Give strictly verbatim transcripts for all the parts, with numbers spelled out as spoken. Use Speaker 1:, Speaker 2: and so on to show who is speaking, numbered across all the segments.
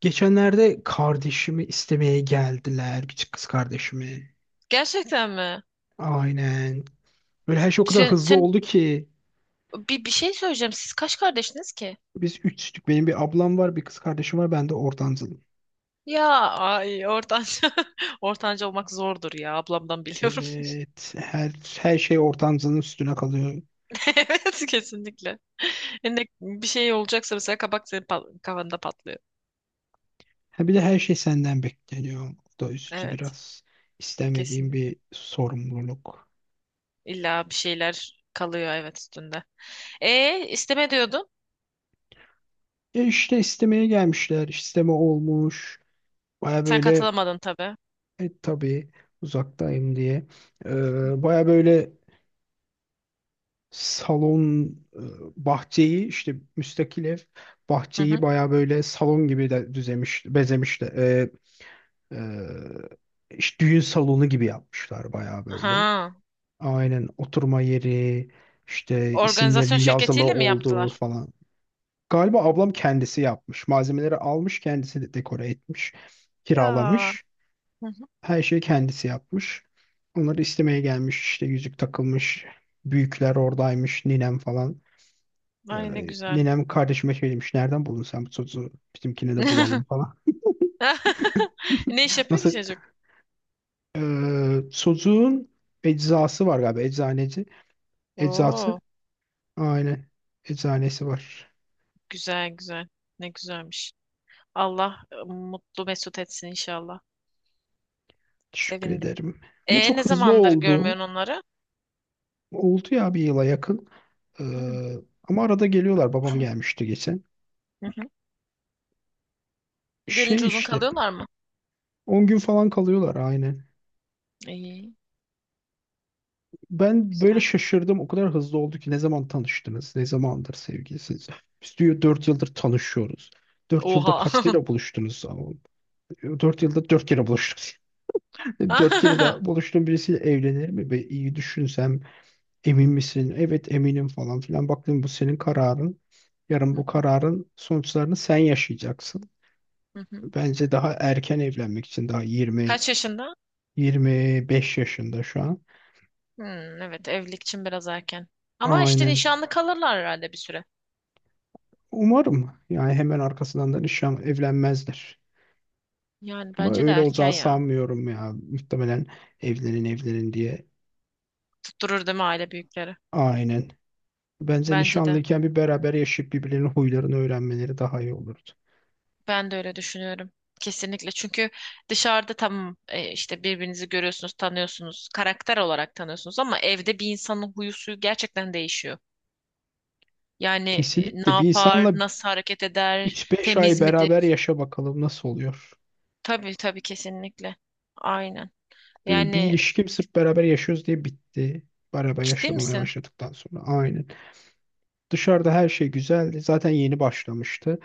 Speaker 1: Geçenlerde kardeşimi istemeye geldiler. Bir kız kardeşimi.
Speaker 2: Gerçekten mi?
Speaker 1: Aynen. Böyle her şey o kadar
Speaker 2: Sen,
Speaker 1: hızlı
Speaker 2: sen
Speaker 1: oldu ki.
Speaker 2: bir, bir şey söyleyeceğim. Siz kaç kardeşiniz ki?
Speaker 1: Biz üçtük. Benim bir ablam var, bir kız kardeşim var. Ben de ortancılım.
Speaker 2: Ya ay ortanca ortanca olmak zordur ya ablamdan biliyorum.
Speaker 1: Evet. Her, her şey ortancılığın üstüne kalıyor.
Speaker 2: Evet kesinlikle. Ne, bir şey olacaksa mesela kabak senin pa- kafanda patlıyor.
Speaker 1: Ha, bir de her şey senden bekleniyor. O da üstü
Speaker 2: Evet
Speaker 1: biraz istemediğim
Speaker 2: kesinlikle.
Speaker 1: bir sorumluluk.
Speaker 2: İlla bir şeyler kalıyor evet üstünde. E isteme diyordun.
Speaker 1: E işte istemeye gelmişler. İsteme olmuş. Baya
Speaker 2: Sen
Speaker 1: böyle
Speaker 2: katılamadın tabii.
Speaker 1: e, tabii uzaktayım diye. Ee, baya böyle salon e, bahçeyi işte müstakil ev
Speaker 2: Hı
Speaker 1: bahçeyi
Speaker 2: hı.
Speaker 1: baya böyle salon gibi de düzemiş bezemiş de e, e, işte düğün salonu gibi yapmışlar baya böyle.
Speaker 2: Ha,
Speaker 1: Aynen oturma yeri işte isimlerinin
Speaker 2: organizasyon
Speaker 1: yazılı
Speaker 2: şirketiyle mi
Speaker 1: olduğu
Speaker 2: yaptılar?
Speaker 1: falan. Galiba ablam kendisi yapmış. Malzemeleri almış kendisi de dekore etmiş.
Speaker 2: Ya.
Speaker 1: Kiralamış.
Speaker 2: Hı hı.
Speaker 1: Her şeyi kendisi yapmış. Onları istemeye gelmiş işte yüzük takılmış. Büyükler oradaymış ninem falan.
Speaker 2: Ay ne
Speaker 1: Ee,
Speaker 2: güzel.
Speaker 1: nenem kardeşime şey demiş. Nereden buldun sen bu sosu? Bizimkine de bulalım falan.
Speaker 2: Ne iş yapıyor ki
Speaker 1: Nasıl?
Speaker 2: çocuk?
Speaker 1: Ee, sosuğun eczası var galiba. Eczaneci. Eczası.
Speaker 2: Oo,
Speaker 1: Aynen. Eczanesi var.
Speaker 2: güzel güzel. Ne güzelmiş. Allah e, mutlu mesut etsin inşallah.
Speaker 1: Teşekkür
Speaker 2: Sevindim.
Speaker 1: ederim. Ama
Speaker 2: E
Speaker 1: çok
Speaker 2: ne
Speaker 1: hızlı
Speaker 2: zamandır
Speaker 1: oldu.
Speaker 2: görmüyorsun onları?
Speaker 1: Oldu ya bir yıla yakın.
Speaker 2: Hı.
Speaker 1: Ee, Ama arada geliyorlar. Babam gelmişti geçen.
Speaker 2: Hı hı.
Speaker 1: Şey
Speaker 2: Gelince uzun
Speaker 1: işte.
Speaker 2: kalıyorlar mı?
Speaker 1: On gün falan kalıyorlar aynen.
Speaker 2: İyi,
Speaker 1: Ben böyle
Speaker 2: güzel.
Speaker 1: şaşırdım. O kadar hızlı oldu ki ne zaman tanıştınız? Ne zamandır sevgilisiniz? Biz diyor dört yıldır tanışıyoruz. Dört yılda
Speaker 2: Oha.
Speaker 1: kaç kere buluştunuz? Dört yılda dört kere buluştuk. Dört kere
Speaker 2: Hı
Speaker 1: daha buluştuğum birisiyle evlenir mi? Be, iyi düşünsem emin misin? Evet eminim falan filan. Baktım bu senin kararın. Yarın bu
Speaker 2: hı,
Speaker 1: kararın sonuçlarını sen yaşayacaksın.
Speaker 2: hı hı.
Speaker 1: Bence daha erken evlenmek için daha yirmi
Speaker 2: Kaç yaşında?
Speaker 1: yirmi beş yaşında şu an.
Speaker 2: Hmm, evet evlilik için biraz erken. Ama işte
Speaker 1: Aynen.
Speaker 2: nişanlı kalırlar herhalde bir süre.
Speaker 1: Umarım yani hemen arkasından da nişan evlenmezler.
Speaker 2: Yani
Speaker 1: Ama
Speaker 2: bence de
Speaker 1: öyle
Speaker 2: erken
Speaker 1: olacağı
Speaker 2: ya.
Speaker 1: sanmıyorum ya. Muhtemelen evlenin evlenin diye.
Speaker 2: Tutturur değil mi aile büyükleri?
Speaker 1: Aynen. Bence
Speaker 2: Bence de.
Speaker 1: nişanlıyken bir beraber yaşayıp birbirlerinin huylarını öğrenmeleri daha iyi olurdu.
Speaker 2: Ben de öyle düşünüyorum. Kesinlikle. Çünkü dışarıda tamam e, işte birbirinizi görüyorsunuz, tanıyorsunuz, karakter olarak tanıyorsunuz ama evde bir insanın huyu suyu gerçekten değişiyor. Yani e, ne
Speaker 1: Kesinlikle bir insanla
Speaker 2: yapar, nasıl hareket eder,
Speaker 1: üç beş ay
Speaker 2: temiz
Speaker 1: beraber
Speaker 2: midir?
Speaker 1: yaşa bakalım nasıl oluyor.
Speaker 2: Tabii tabii kesinlikle. Aynen.
Speaker 1: Benim bir
Speaker 2: Yani
Speaker 1: ilişkim sırf beraber yaşıyoruz diye bitti. Beraber
Speaker 2: ciddi
Speaker 1: yaşamaya
Speaker 2: misin?
Speaker 1: başladıktan sonra. Aynen. Dışarıda her şey güzeldi. Zaten yeni başlamıştı.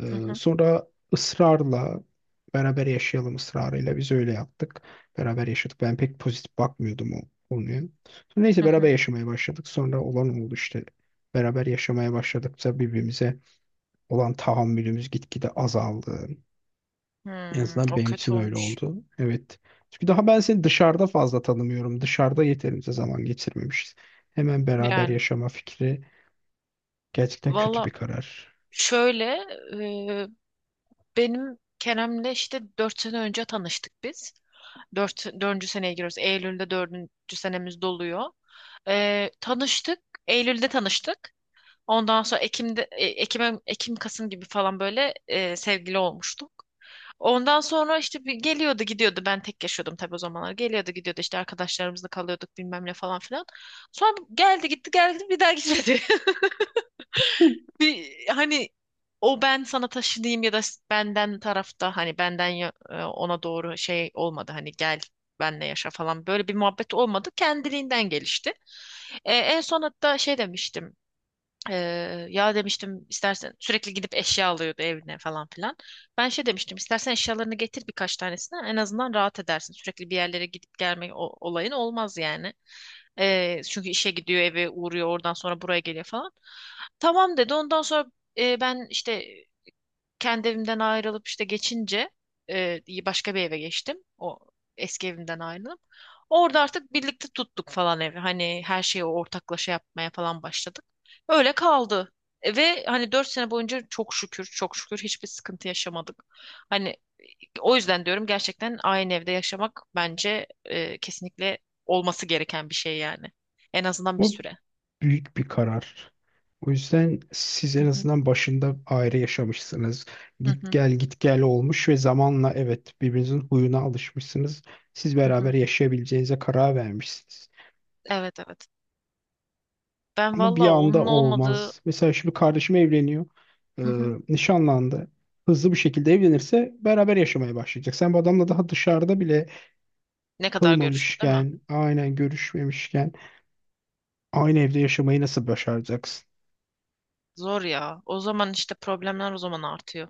Speaker 1: Ee,
Speaker 2: Hı hı,
Speaker 1: Sonra ısrarla beraber yaşayalım ısrarıyla biz öyle yaptık. Beraber yaşadık. Ben pek pozitif bakmıyordum o konuya. Sonra neyse
Speaker 2: hı
Speaker 1: beraber
Speaker 2: hı.
Speaker 1: yaşamaya başladık. Sonra olan oldu işte. Beraber yaşamaya başladıkça birbirimize olan tahammülümüz gitgide azaldı. En
Speaker 2: Hmm,
Speaker 1: azından
Speaker 2: o
Speaker 1: benim için
Speaker 2: kötü
Speaker 1: öyle
Speaker 2: olmuş.
Speaker 1: oldu. Evet. Çünkü daha ben seni dışarıda fazla tanımıyorum. Dışarıda yeterince zaman geçirmemişiz. Hemen beraber
Speaker 2: Yani
Speaker 1: yaşama fikri gerçekten kötü
Speaker 2: valla
Speaker 1: bir karar.
Speaker 2: şöyle e, benim Kerem'le işte dört sene önce tanıştık biz. Dört, dördüncü seneye giriyoruz. Eylül'de dördüncü senemiz doluyor. Ee, tanıştık. Eylül'de tanıştık. Ondan sonra Ekim'de, e, Ekim'e, Ekim, Kasım gibi falan böyle e, sevgili olmuştuk. Ondan sonra işte bir geliyordu gidiyordu. Ben tek yaşıyordum tabii o zamanlar. Geliyordu gidiyordu işte arkadaşlarımızla kalıyorduk bilmem ne falan filan. Sonra geldi gitti geldi gitti, bir daha gitmedi. Bir, hani o ben sana taşıdığım ya da benden tarafta hani benden ya- e, ona doğru şey olmadı hani gel benle yaşa falan böyle bir muhabbet olmadı kendiliğinden gelişti. E, en son hatta şey demiştim. Eee, ya demiştim istersen sürekli gidip eşya alıyordu evine falan filan. Ben şey demiştim istersen eşyalarını getir birkaç tanesini en azından rahat edersin. Sürekli bir yerlere gidip gelme o- olayın olmaz yani. Eee, çünkü işe gidiyor eve uğruyor oradan sonra buraya geliyor falan. Tamam dedi ondan sonra eee, ben işte kendi evimden ayrılıp işte geçince e, başka bir eve geçtim. O eski evimden ayrılıp. Orada artık birlikte tuttuk falan evi. Hani her şeyi ortaklaşa yapmaya falan başladık. Öyle kaldı. E, Ve hani dört sene boyunca çok şükür, çok şükür hiçbir sıkıntı yaşamadık. Hani o yüzden diyorum gerçekten aynı evde yaşamak bence e, kesinlikle olması gereken bir şey yani. En azından bir
Speaker 1: Bu
Speaker 2: süre.
Speaker 1: büyük bir karar. O yüzden siz en
Speaker 2: Hı hı,
Speaker 1: azından başında ayrı yaşamışsınız.
Speaker 2: hı
Speaker 1: Git
Speaker 2: hı,
Speaker 1: gel git gel olmuş ve zamanla evet birbirinizin huyuna alışmışsınız. Siz
Speaker 2: hı hı.
Speaker 1: beraber yaşayabileceğinize karar vermişsiniz.
Speaker 2: Evet evet. Ben
Speaker 1: Ama bir
Speaker 2: valla
Speaker 1: anda
Speaker 2: onun
Speaker 1: o
Speaker 2: olmadığı.
Speaker 1: olmaz. Mesela şimdi kardeşim evleniyor. Ee,
Speaker 2: Hı hı.
Speaker 1: Nişanlandı. Hızlı bir şekilde evlenirse beraber yaşamaya başlayacak. Sen bu adamla daha dışarıda bile
Speaker 2: Ne kadar görüştün değil mi?
Speaker 1: kılmamışken, aynen görüşmemişken aynı evde yaşamayı nasıl başaracaksın?
Speaker 2: Zor ya. O zaman işte problemler o zaman artıyor.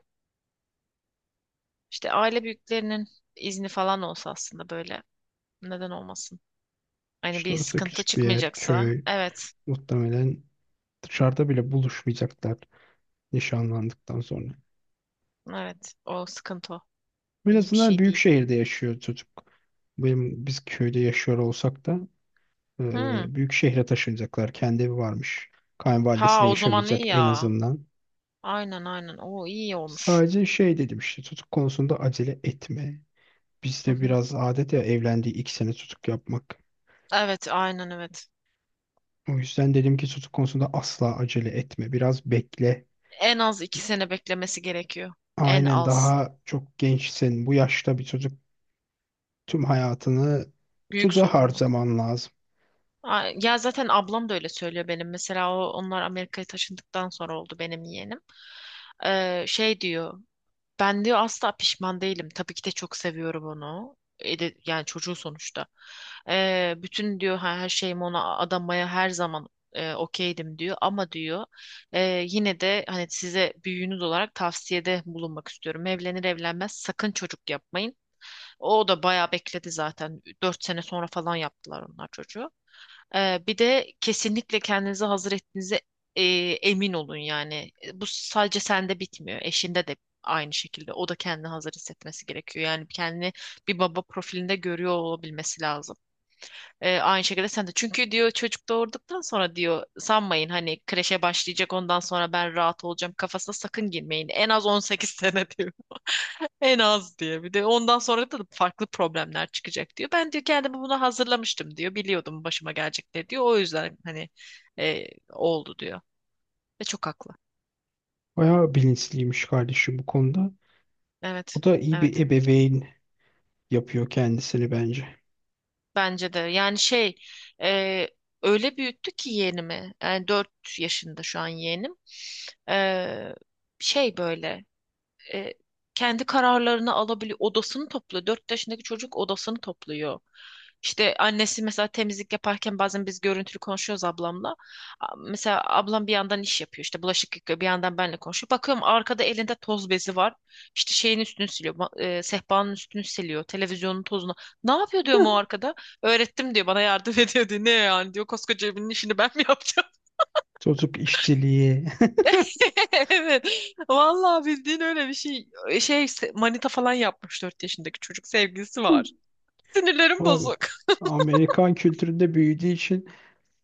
Speaker 2: İşte aile büyüklerinin izni falan olsa aslında böyle neden olmasın? Hani
Speaker 1: İşte
Speaker 2: bir
Speaker 1: orası da
Speaker 2: sıkıntı
Speaker 1: küçük bir yer,
Speaker 2: çıkmayacaksa
Speaker 1: köy.
Speaker 2: evet.
Speaker 1: Muhtemelen dışarıda bile buluşmayacaklar nişanlandıktan sonra.
Speaker 2: Evet. O sıkıntı o.
Speaker 1: En
Speaker 2: İyi bir
Speaker 1: azından
Speaker 2: şey
Speaker 1: büyük
Speaker 2: değil.
Speaker 1: şehirde yaşıyor çocuk. Benim, biz köyde yaşıyor olsak da
Speaker 2: Hmm.
Speaker 1: e, büyük şehre taşınacaklar. Kendi evi varmış.
Speaker 2: Ha
Speaker 1: Kayınvalidesiyle
Speaker 2: o zaman
Speaker 1: yaşamayacak
Speaker 2: iyi
Speaker 1: en
Speaker 2: ya.
Speaker 1: azından.
Speaker 2: Aynen aynen. O iyi olmuş.
Speaker 1: Sadece şey dedim işte çocuk konusunda acele etme.
Speaker 2: Hı
Speaker 1: Bizde
Speaker 2: hı.
Speaker 1: biraz adet ya evlendiği iki sene çocuk yapmak.
Speaker 2: Evet aynen evet.
Speaker 1: O yüzden dedim ki çocuk konusunda asla acele etme. Biraz bekle.
Speaker 2: En az iki sene beklemesi gerekiyor. En
Speaker 1: Aynen
Speaker 2: az.
Speaker 1: daha çok gençsin. Bu yaşta bir çocuk tüm hayatını
Speaker 2: Büyük
Speaker 1: tuza
Speaker 2: sorumluluk.
Speaker 1: harcaman lazım.
Speaker 2: A- Ya zaten ablam da öyle söylüyor benim. Mesela o, onlar Amerika'ya taşındıktan sonra oldu benim yeğenim. Ee, şey diyor. Ben diyor asla pişman değilim. Tabii ki de çok seviyorum onu. E de- yani çocuğu sonuçta. Ee, bütün diyor her her şeyimi ona adamaya her zaman e, okeydim diyor. Ama diyor e, yine de hani size büyüğünüz olarak tavsiyede bulunmak istiyorum. Evlenir evlenmez sakın çocuk yapmayın. O da bayağı bekledi zaten. Dört sene sonra falan yaptılar onlar çocuğu. Ee, bir de kesinlikle kendinizi hazır ettiğinize e, emin olun yani. Bu sadece sende bitmiyor. Eşinde de aynı şekilde. O da kendini hazır hissetmesi gerekiyor. Yani kendini bir baba profilinde görüyor olabilmesi lazım. Ee, aynı şekilde sen de. Çünkü diyor çocuk doğurduktan sonra diyor sanmayın hani kreşe başlayacak ondan sonra ben rahat olacağım kafasına sakın girmeyin. En az on sekiz sene diyor. En az diye. Bir de ondan sonra da farklı problemler çıkacak diyor. Ben diyor kendimi buna hazırlamıştım diyor. Biliyordum başıma gelecekleri diyor. O yüzden hani e, oldu diyor. Ve çok haklı.
Speaker 1: Bayağı bilinçliymiş kardeşim bu konuda. O
Speaker 2: Evet.
Speaker 1: da iyi bir
Speaker 2: Evet.
Speaker 1: ebeveyn yapıyor kendisini bence.
Speaker 2: Bence de. Yani şey e, öyle büyüttü ki yeğenimi. Yani dört yaşında şu an yeğenim. E, şey böyle. e, kendi kararlarını alabiliyor. Odasını topluyor. Dört yaşındaki çocuk odasını topluyor. İşte annesi mesela temizlik yaparken bazen biz görüntülü konuşuyoruz ablamla. A- Mesela ablam bir yandan iş yapıyor. İşte bulaşık yıkıyor. Bir yandan benle konuşuyor. Bakıyorum arkada elinde toz bezi var. İşte şeyin üstünü siliyor. ma- e, sehpanın üstünü siliyor. Televizyonun tozunu. Ne yapıyor diyorum o arkada? Öğrettim diyor. Bana yardım ediyor diyor. Ne yani diyor. Koskoca evinin işini ben mi yapacağım?
Speaker 1: Çocuk işçiliği.
Speaker 2: Evet. Vallahi bildiğin öyle bir şey. Şey se- manita falan yapmış dört yaşındaki çocuk sevgilisi var. Sinirlerim
Speaker 1: Ama
Speaker 2: bozuk.
Speaker 1: Amerikan kültüründe büyüdüğü için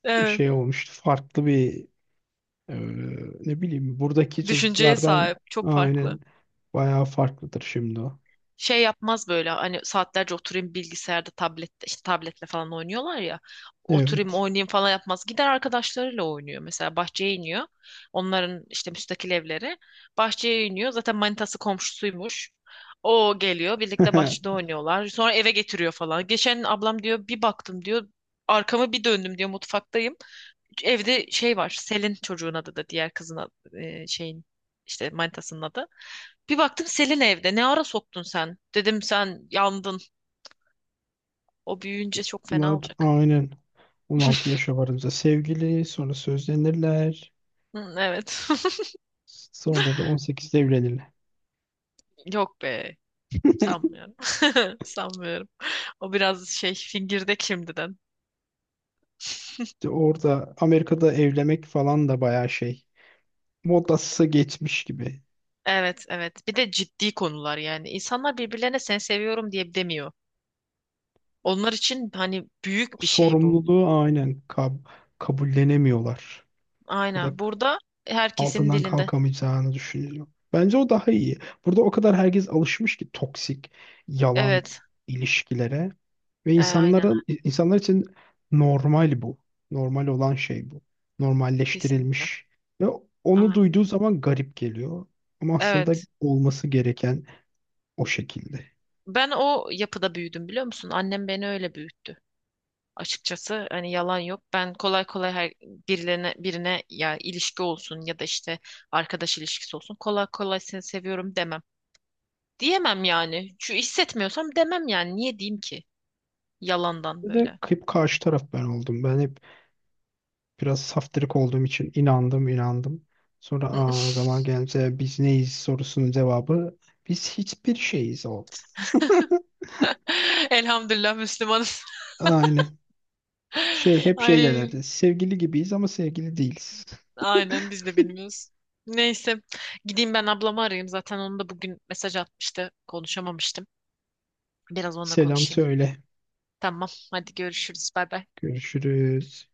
Speaker 2: Evet.
Speaker 1: şey olmuştu. Farklı bir e, ne bileyim buradaki
Speaker 2: Düşünceye
Speaker 1: çocuklardan
Speaker 2: sahip. Çok
Speaker 1: aynen
Speaker 2: farklı.
Speaker 1: bayağı farklıdır şimdi o.
Speaker 2: Şey yapmaz böyle hani saatlerce oturayım bilgisayarda tablette işte tabletle falan oynuyorlar ya oturayım
Speaker 1: Evet.
Speaker 2: oynayayım falan yapmaz gider arkadaşlarıyla oynuyor mesela bahçeye iniyor onların işte müstakil evleri bahçeye iniyor zaten manitası komşusuymuş o geliyor birlikte bahçede oynuyorlar sonra eve getiriyor falan geçen ablam diyor bir baktım diyor arkamı bir döndüm diyor mutfaktayım evde şey var Selin çocuğun adı da diğer kızın adı, e, şeyin işte manitasının adı bir baktım Selin evde. Ne ara soktun sen? Dedim sen yandın. O büyüyünce çok fena
Speaker 1: Bunlar
Speaker 2: olacak.
Speaker 1: aynen on altı yaşa varınca sevgili sonra sözlenirler.
Speaker 2: Hı, evet.
Speaker 1: Sonra da on sekizde evlenirler.
Speaker 2: Yok be. Sanmıyorum. Sanmıyorum. O biraz şey fingirdek şimdiden.
Speaker 1: İşte orada Amerika'da evlenmek falan da bayağı şey. Modası geçmiş gibi.
Speaker 2: Evet evet. Bir de ciddi konular yani. İnsanlar birbirlerine sen seviyorum diye demiyor. Onlar için hani büyük bir şey bu.
Speaker 1: Sorumluluğu aynen kab- kabullenemiyorlar. Ya da
Speaker 2: Aynen. Burada herkesin
Speaker 1: altından
Speaker 2: dilinde.
Speaker 1: kalkamayacağını düşünüyor. Bence o daha iyi. Burada o kadar herkes alışmış ki toksik, yalan
Speaker 2: Evet.
Speaker 1: ilişkilere. Ve
Speaker 2: E, aynen.
Speaker 1: insanların insanlar için normal bu. Normal olan şey bu.
Speaker 2: Kesinlikle.
Speaker 1: Normalleştirilmiş. Ve onu
Speaker 2: Aynen.
Speaker 1: duyduğu zaman garip geliyor. Ama aslında
Speaker 2: Evet.
Speaker 1: olması gereken o şekilde.
Speaker 2: Ben o yapıda büyüdüm biliyor musun? Annem beni öyle büyüttü. Açıkçası hani yalan yok. Ben kolay kolay her birilerine birine ya ilişki olsun ya da işte arkadaş ilişkisi olsun kolay kolay seni seviyorum demem. Diyemem yani. Şu hissetmiyorsam demem yani. Niye diyeyim ki? Yalandan
Speaker 1: Bir de
Speaker 2: böyle.
Speaker 1: hep karşı taraf ben oldum. Ben hep biraz saftirik olduğum için inandım inandım. Sonra aa, zaman gelince biz neyiz sorusunun cevabı biz hiçbir şeyiz oldu.
Speaker 2: Elhamdülillah Müslümanız.
Speaker 1: Aynen. Şey hep şey
Speaker 2: Ay,
Speaker 1: derlerdi. Sevgili gibiyiz ama sevgili değiliz.
Speaker 2: aynen biz de bilmiyoruz. Neyse gideyim ben ablamı arayayım. Zaten onu da bugün mesaj atmıştı. Konuşamamıştım. Biraz onunla
Speaker 1: Selam
Speaker 2: konuşayım.
Speaker 1: söyle.
Speaker 2: Tamam. Hadi görüşürüz. Bay bay.
Speaker 1: Görüşürüz.